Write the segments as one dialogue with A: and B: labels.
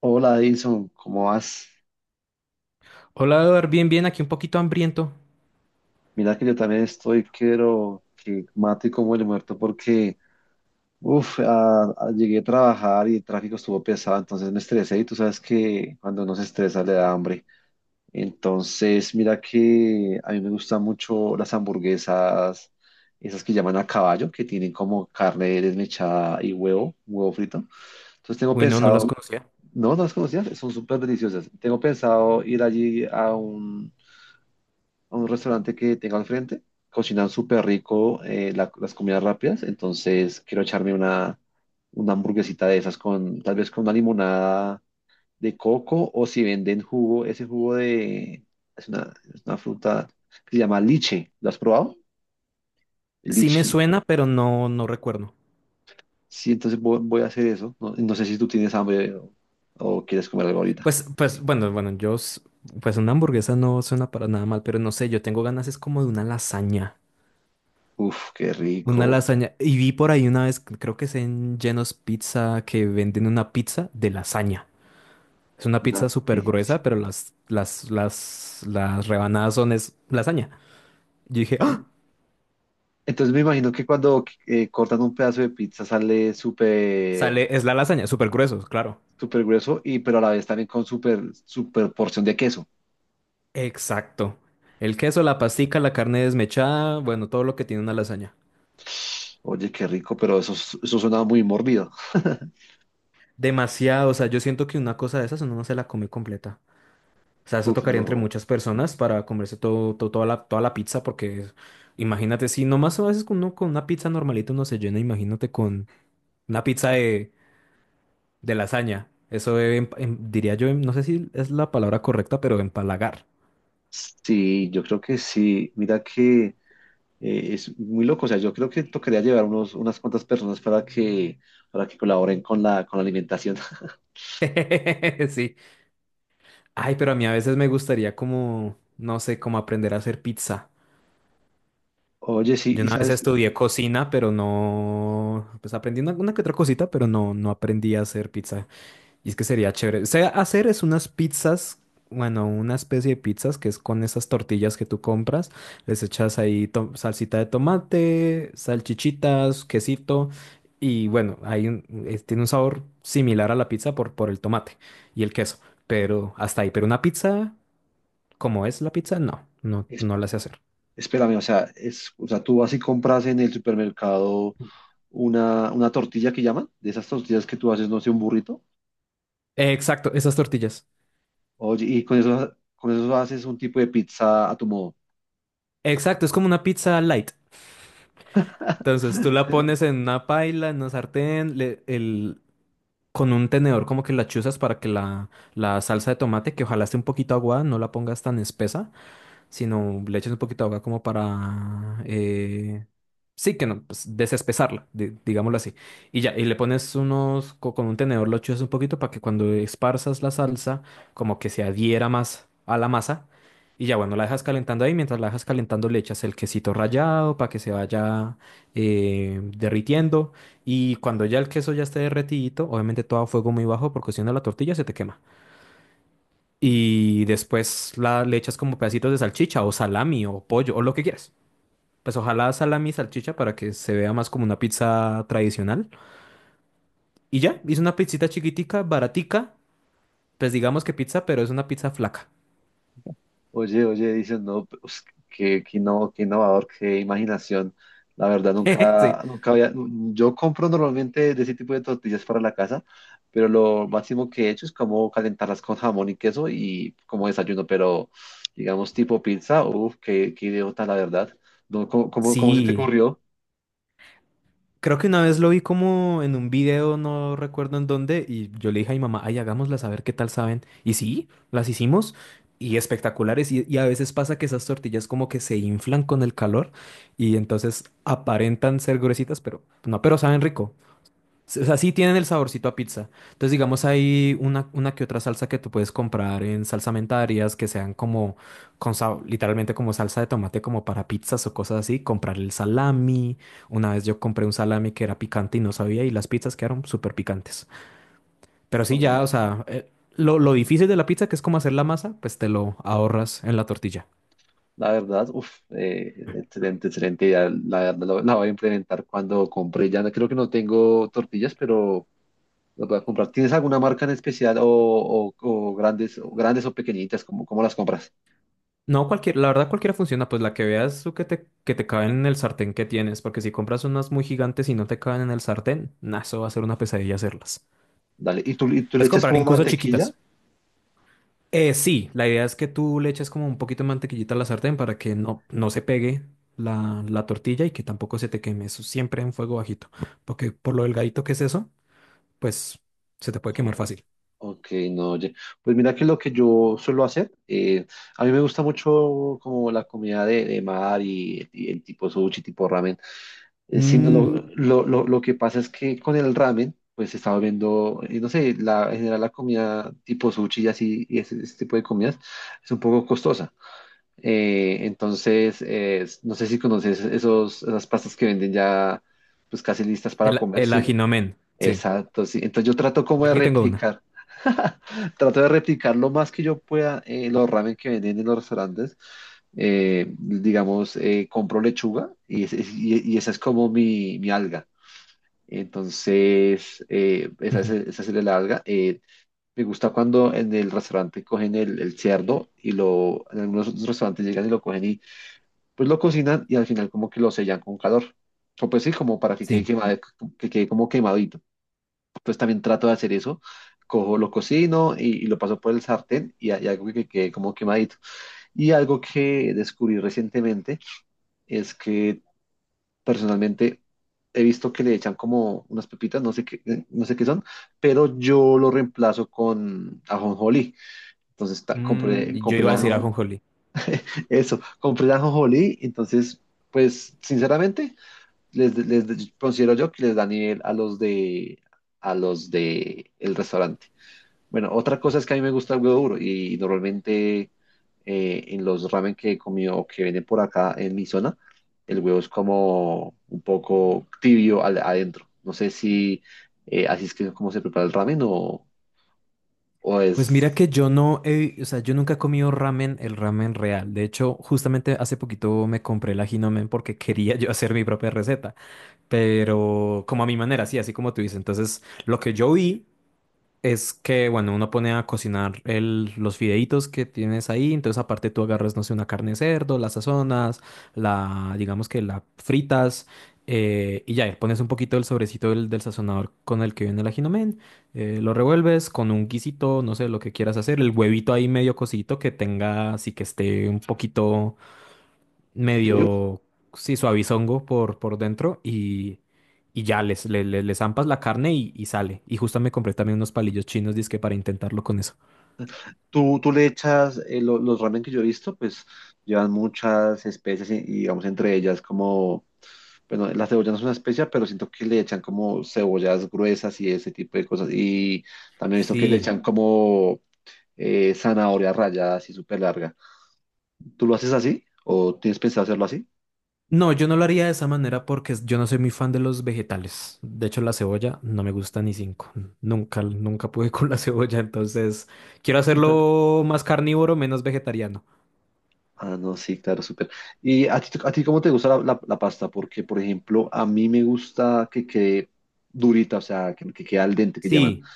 A: Hola Edison, ¿cómo vas?
B: Hola, Eduard, bien, bien, aquí un poquito hambriento.
A: Mira que yo también estoy, quiero que mate como el muerto porque, uff, llegué a trabajar y el tráfico estuvo pesado, entonces me estresé y tú sabes que cuando uno se estresa le da hambre. Entonces, mira que a mí me gustan mucho las hamburguesas, esas que llaman a caballo, que tienen como carne desmechada y huevo, huevo frito. Entonces tengo
B: Uy, no, no las
A: pensado,
B: conocía.
A: no, no las conocías, son súper deliciosas. Tengo pensado ir allí a un restaurante que tenga al frente. Cocinan súper rico, las comidas rápidas, entonces quiero echarme una hamburguesita de esas con tal vez con una limonada de coco o si venden jugo, ese jugo de es una fruta que se llama liche. ¿Lo has probado?
B: Sí me
A: Lichi.
B: suena, pero no recuerdo.
A: Sí, entonces voy a hacer eso. No, no sé si tú tienes hambre o quieres comer algo ahorita.
B: Bueno, bueno, pues una hamburguesa no suena para nada mal, pero no sé, yo tengo ganas, es como de una lasaña.
A: Uf, qué
B: Una
A: rico.
B: lasaña. Y vi por ahí una vez, creo que es en Geno's Pizza, que venden una pizza de lasaña. Es una
A: Una
B: pizza súper
A: pizza.
B: gruesa, pero las rebanadas son es lasaña. Yo dije, ¡ah!
A: Entonces me imagino que cuando cortan un pedazo de pizza sale
B: Sale, es la lasaña, súper grueso, claro.
A: súper grueso, y pero a la vez también con súper porción de queso.
B: Exacto. El queso, la pastica, la carne desmechada, bueno, todo lo que tiene una lasaña.
A: Oye, qué rico, pero eso suena muy morbido.
B: Demasiado, o sea, yo siento que una cosa de esas uno no se la come completa. O sea, eso
A: Uf,
B: tocaría entre
A: no.
B: muchas personas para comerse todo, toda la pizza, porque imagínate, si nomás a veces con uno con una pizza normalita uno se llena, imagínate con una pizza de lasaña. Eso diría yo, no sé si es la palabra correcta, pero empalagar.
A: Sí, yo creo que sí. Mira que es muy loco. O sea, yo creo que tocaría llevar unas cuantas personas para para que colaboren con con la alimentación.
B: Sí. Ay, pero a mí a veces me gustaría como, no sé, como aprender a hacer pizza.
A: Oye, sí,
B: Yo
A: y
B: una vez
A: sabes,
B: estudié cocina, pero no, pues aprendí una que otra cosita, pero no aprendí a hacer pizza. Y es que sería chévere. O hacer es unas pizzas, bueno, una especie de pizzas que es con esas tortillas que tú compras. Les echas ahí salsita de tomate, salchichitas, quesito. Y bueno, tiene un sabor similar a la pizza por el tomate y el queso. Pero hasta ahí. Pero una pizza, como es la pizza, no, no,
A: es-
B: no la sé hacer.
A: espérame, o sea, tú vas y compras en el supermercado. Una una, tortilla que llaman, de esas tortillas que tú haces, no sé, un burrito.
B: Exacto, esas tortillas.
A: Oye, y con eso haces un tipo de pizza a tu modo.
B: Exacto, es como una pizza light. Entonces tú la pones en una paila, en una sartén, con un tenedor como que la chuzas para que la salsa de tomate, que ojalá esté un poquito aguada, no la pongas tan espesa, sino le echas un poquito de agua como para... sí, que no, pues desespesarla, digámoslo así. Y ya, y le pones con un tenedor lo chuzas un poquito para que cuando esparzas la salsa, como que se adhiera más a la masa. Y ya, bueno, la dejas calentando ahí. Mientras la dejas calentando, le echas el quesito rallado para que se vaya derritiendo. Y cuando ya el queso ya esté derretidito, obviamente todo a fuego muy bajo porque si no la tortilla se te quema y después le echas como pedacitos de salchicha o salami o pollo o lo que quieras. Pues ojalá salami y salchicha para que se vea más como una pizza tradicional. Y ya, hice una pizzita chiquitica, baratica, pues digamos que pizza, pero es una pizza flaca.
A: Oye, oye, dicen, no, pues, qué innovador, qué imaginación. La verdad,
B: Sí,
A: nunca, nunca había, yo compro normalmente de ese tipo de tortillas para la casa, pero lo máximo que he hecho es como calentarlas con jamón y queso y como desayuno, pero digamos tipo pizza, uff, qué idiota, la verdad. No, cómo se te
B: sí,
A: ocurrió?
B: creo que una vez lo vi como en un video, no recuerdo en dónde, y yo le dije a mi mamá, ay, hagámoslas a ver qué tal saben. Y sí, las hicimos y espectaculares. Y a veces pasa que esas tortillas como que se inflan con el calor y entonces aparentan ser gruesitas, pero no, pero saben rico. O sea, sí tienen el saborcito a pizza. Entonces, digamos, hay una que otra salsa que tú puedes comprar en salsamentarias que sean como, literalmente como salsa de tomate, como para pizzas o cosas así. Comprar el salami. Una vez yo compré un salami que era picante y no sabía, y las pizzas quedaron súper picantes. Pero sí, ya,
A: Oye.
B: o sea, lo difícil de la pizza, que es como hacer la masa, pues te lo ahorras en la tortilla.
A: La verdad, uff, excelente idea. La verdad, la voy a implementar cuando compre. Ya creo que no tengo tortillas, pero las voy a comprar. ¿Tienes alguna marca en especial, o grandes, o grandes o pequeñitas? ¿Cómo, cómo las compras?
B: No, cualquier, la verdad cualquiera funciona, pues la que veas tú que te caben en el sartén que tienes, porque si compras unas muy gigantes y no te caben en el sartén, nah, eso va a ser una pesadilla hacerlas.
A: Dale. ¿Y y tú le
B: Puedes
A: echas
B: comprar
A: como
B: incluso
A: mantequilla?
B: chiquitas. Sí, la idea es que tú le eches como un poquito de mantequillita a la sartén para que no, no se pegue la tortilla y que tampoco se te queme. Eso siempre en fuego bajito, porque por lo delgadito que es eso, pues se te puede quemar
A: Oh,
B: fácil.
A: ok, no, oye. Pues mira que lo que yo suelo hacer, a mí me gusta mucho como la comida de mar y el tipo sushi, tipo ramen. Sino
B: Mm,
A: lo que pasa es que con el ramen, pues estaba viendo, no sé, la, en general la comida tipo sushi y así, y ese tipo de comidas, es un poco costosa. Entonces no sé si conoces esas pastas que venden ya, pues casi listas para comer.
B: el
A: Sí,
B: ajinomen, sí.
A: exacto, sí. Entonces yo trato como
B: Yo
A: de
B: aquí tengo una.
A: replicar, trato de replicar lo más que yo pueda, los ramen que venden en los restaurantes. Digamos, compro lechuga y, y esa es como mi alga. Entonces,
B: Ujú,
A: esa serie larga. Me gusta cuando en el restaurante cogen el cerdo y lo, en algunos otros restaurantes llegan y lo cogen y pues lo cocinan y al final como que lo sellan con calor. O pues sí, como para que quede
B: sí.
A: quemado, que quede como quemadito. Pues también trato de hacer eso. Cojo, lo cocino y lo paso por el sartén y algo que quede como quemadito. Y algo que descubrí recientemente es que personalmente he visto que le echan como unas pepitas, no sé qué, no sé qué son, pero yo lo reemplazo con ajonjolí. Entonces compré, mm,
B: Yo
A: compré
B: iba a
A: la No.
B: decir
A: ajo-
B: ajonjolí.
A: eso, compré la ajonjolí, entonces pues sinceramente les considero yo que les da nivel a los de el restaurante. Bueno, otra cosa es que a mí me gusta el huevo duro y normalmente, en los ramen que he comido o que venden por acá en mi zona, el huevo es como un poco tibio adentro. No sé si así es que como se prepara el ramen, o
B: Pues mira
A: es
B: que yo no he, o sea, yo nunca he comido ramen, el ramen real. De hecho, justamente hace poquito me compré la Hinomen porque quería yo hacer mi propia receta, pero como a mi manera, sí, así como tú dices. Entonces, lo que yo vi es que, bueno, uno pone a cocinar los fideitos que tienes ahí, entonces aparte tú agarras, no sé, una carne de cerdo, la sazonas, digamos que la fritas, y ya, y pones un poquito del sobrecito del sazonador con el que viene el ajinomen, lo revuelves con un guisito, no sé, lo que quieras hacer, el huevito ahí medio cosito que tenga, así que esté un poquito
A: tibio.
B: medio, sí, suavizongo por dentro y ya le zampas la carne y sale. Y justo me compré también unos palillos chinos, dizque para intentarlo con eso.
A: Tú le echas, los ramen que yo he visto, pues llevan muchas especies y, digamos entre ellas como, bueno, la cebolla no es una especia, pero siento que le echan como cebollas gruesas y ese tipo de cosas. Y también he visto que le
B: Sí,
A: echan como zanahoria rallada así súper larga. ¿Tú lo haces así o tienes pensado hacerlo así?
B: no, yo no lo haría de esa manera porque yo no soy muy fan de los vegetales. De hecho, la cebolla no me gusta ni cinco. Nunca, nunca pude con la cebolla, entonces quiero hacerlo más carnívoro, menos vegetariano.
A: Ah, no, sí, claro, súper. ¿Y a ti cómo te gusta la pasta? Porque, por ejemplo, a mí me gusta que quede durita, o sea, que quede al dente, que llaman.
B: Sí,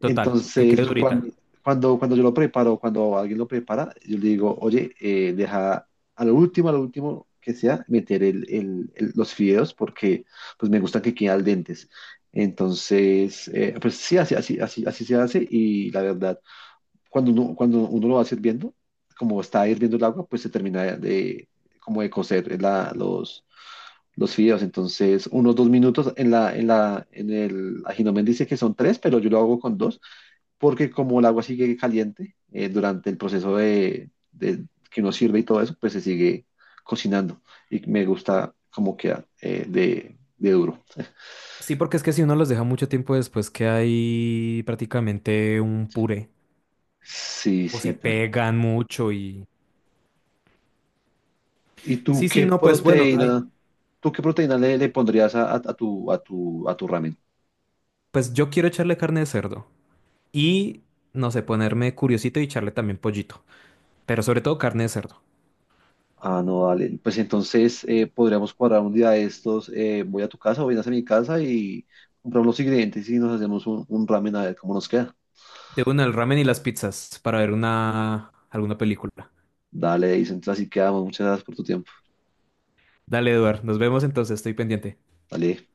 B: total, que
A: Entonces,
B: quede
A: yo
B: durita.
A: cuando yo lo preparo, cuando alguien lo prepara, yo le digo, oye, deja a lo último que sea, meter los fideos porque pues me gustan que queden al dentes. Entonces, pues sí, así se hace, y la verdad, cuando cuando uno lo va sirviendo, como está hirviendo el agua, pues se termina de, como de cocer los fideos. Entonces, unos dos minutos en en el ajinomen dice que son tres, pero yo lo hago con dos, porque como el agua sigue caliente, durante el proceso de que uno sirve y todo eso, pues se sigue cocinando y me gusta cómo queda, de duro.
B: Sí, porque es que si uno los deja mucho tiempo después, que hay prácticamente un puré.
A: Sí,
B: O se
A: sí, tal cual.
B: pegan mucho y...
A: ¿Y
B: Sí, sí, no, pues bueno, ay,
A: tú qué proteína le pondrías a a tu ramen?
B: pues yo quiero echarle carne de cerdo. Y, no sé, ponerme curiosito y echarle también pollito. Pero sobre todo carne de cerdo.
A: Ah, no, dale. Pues entonces, podríamos cuadrar un día de estos. Voy a tu casa o vienes a mi casa y compramos los ingredientes y nos hacemos un ramen a ver cómo nos queda.
B: De una, el ramen y las pizzas para ver una... alguna película.
A: Dale, dice. Entonces así quedamos. Muchas gracias por tu tiempo.
B: Dale, Eduard, nos vemos entonces, estoy pendiente.
A: Dale.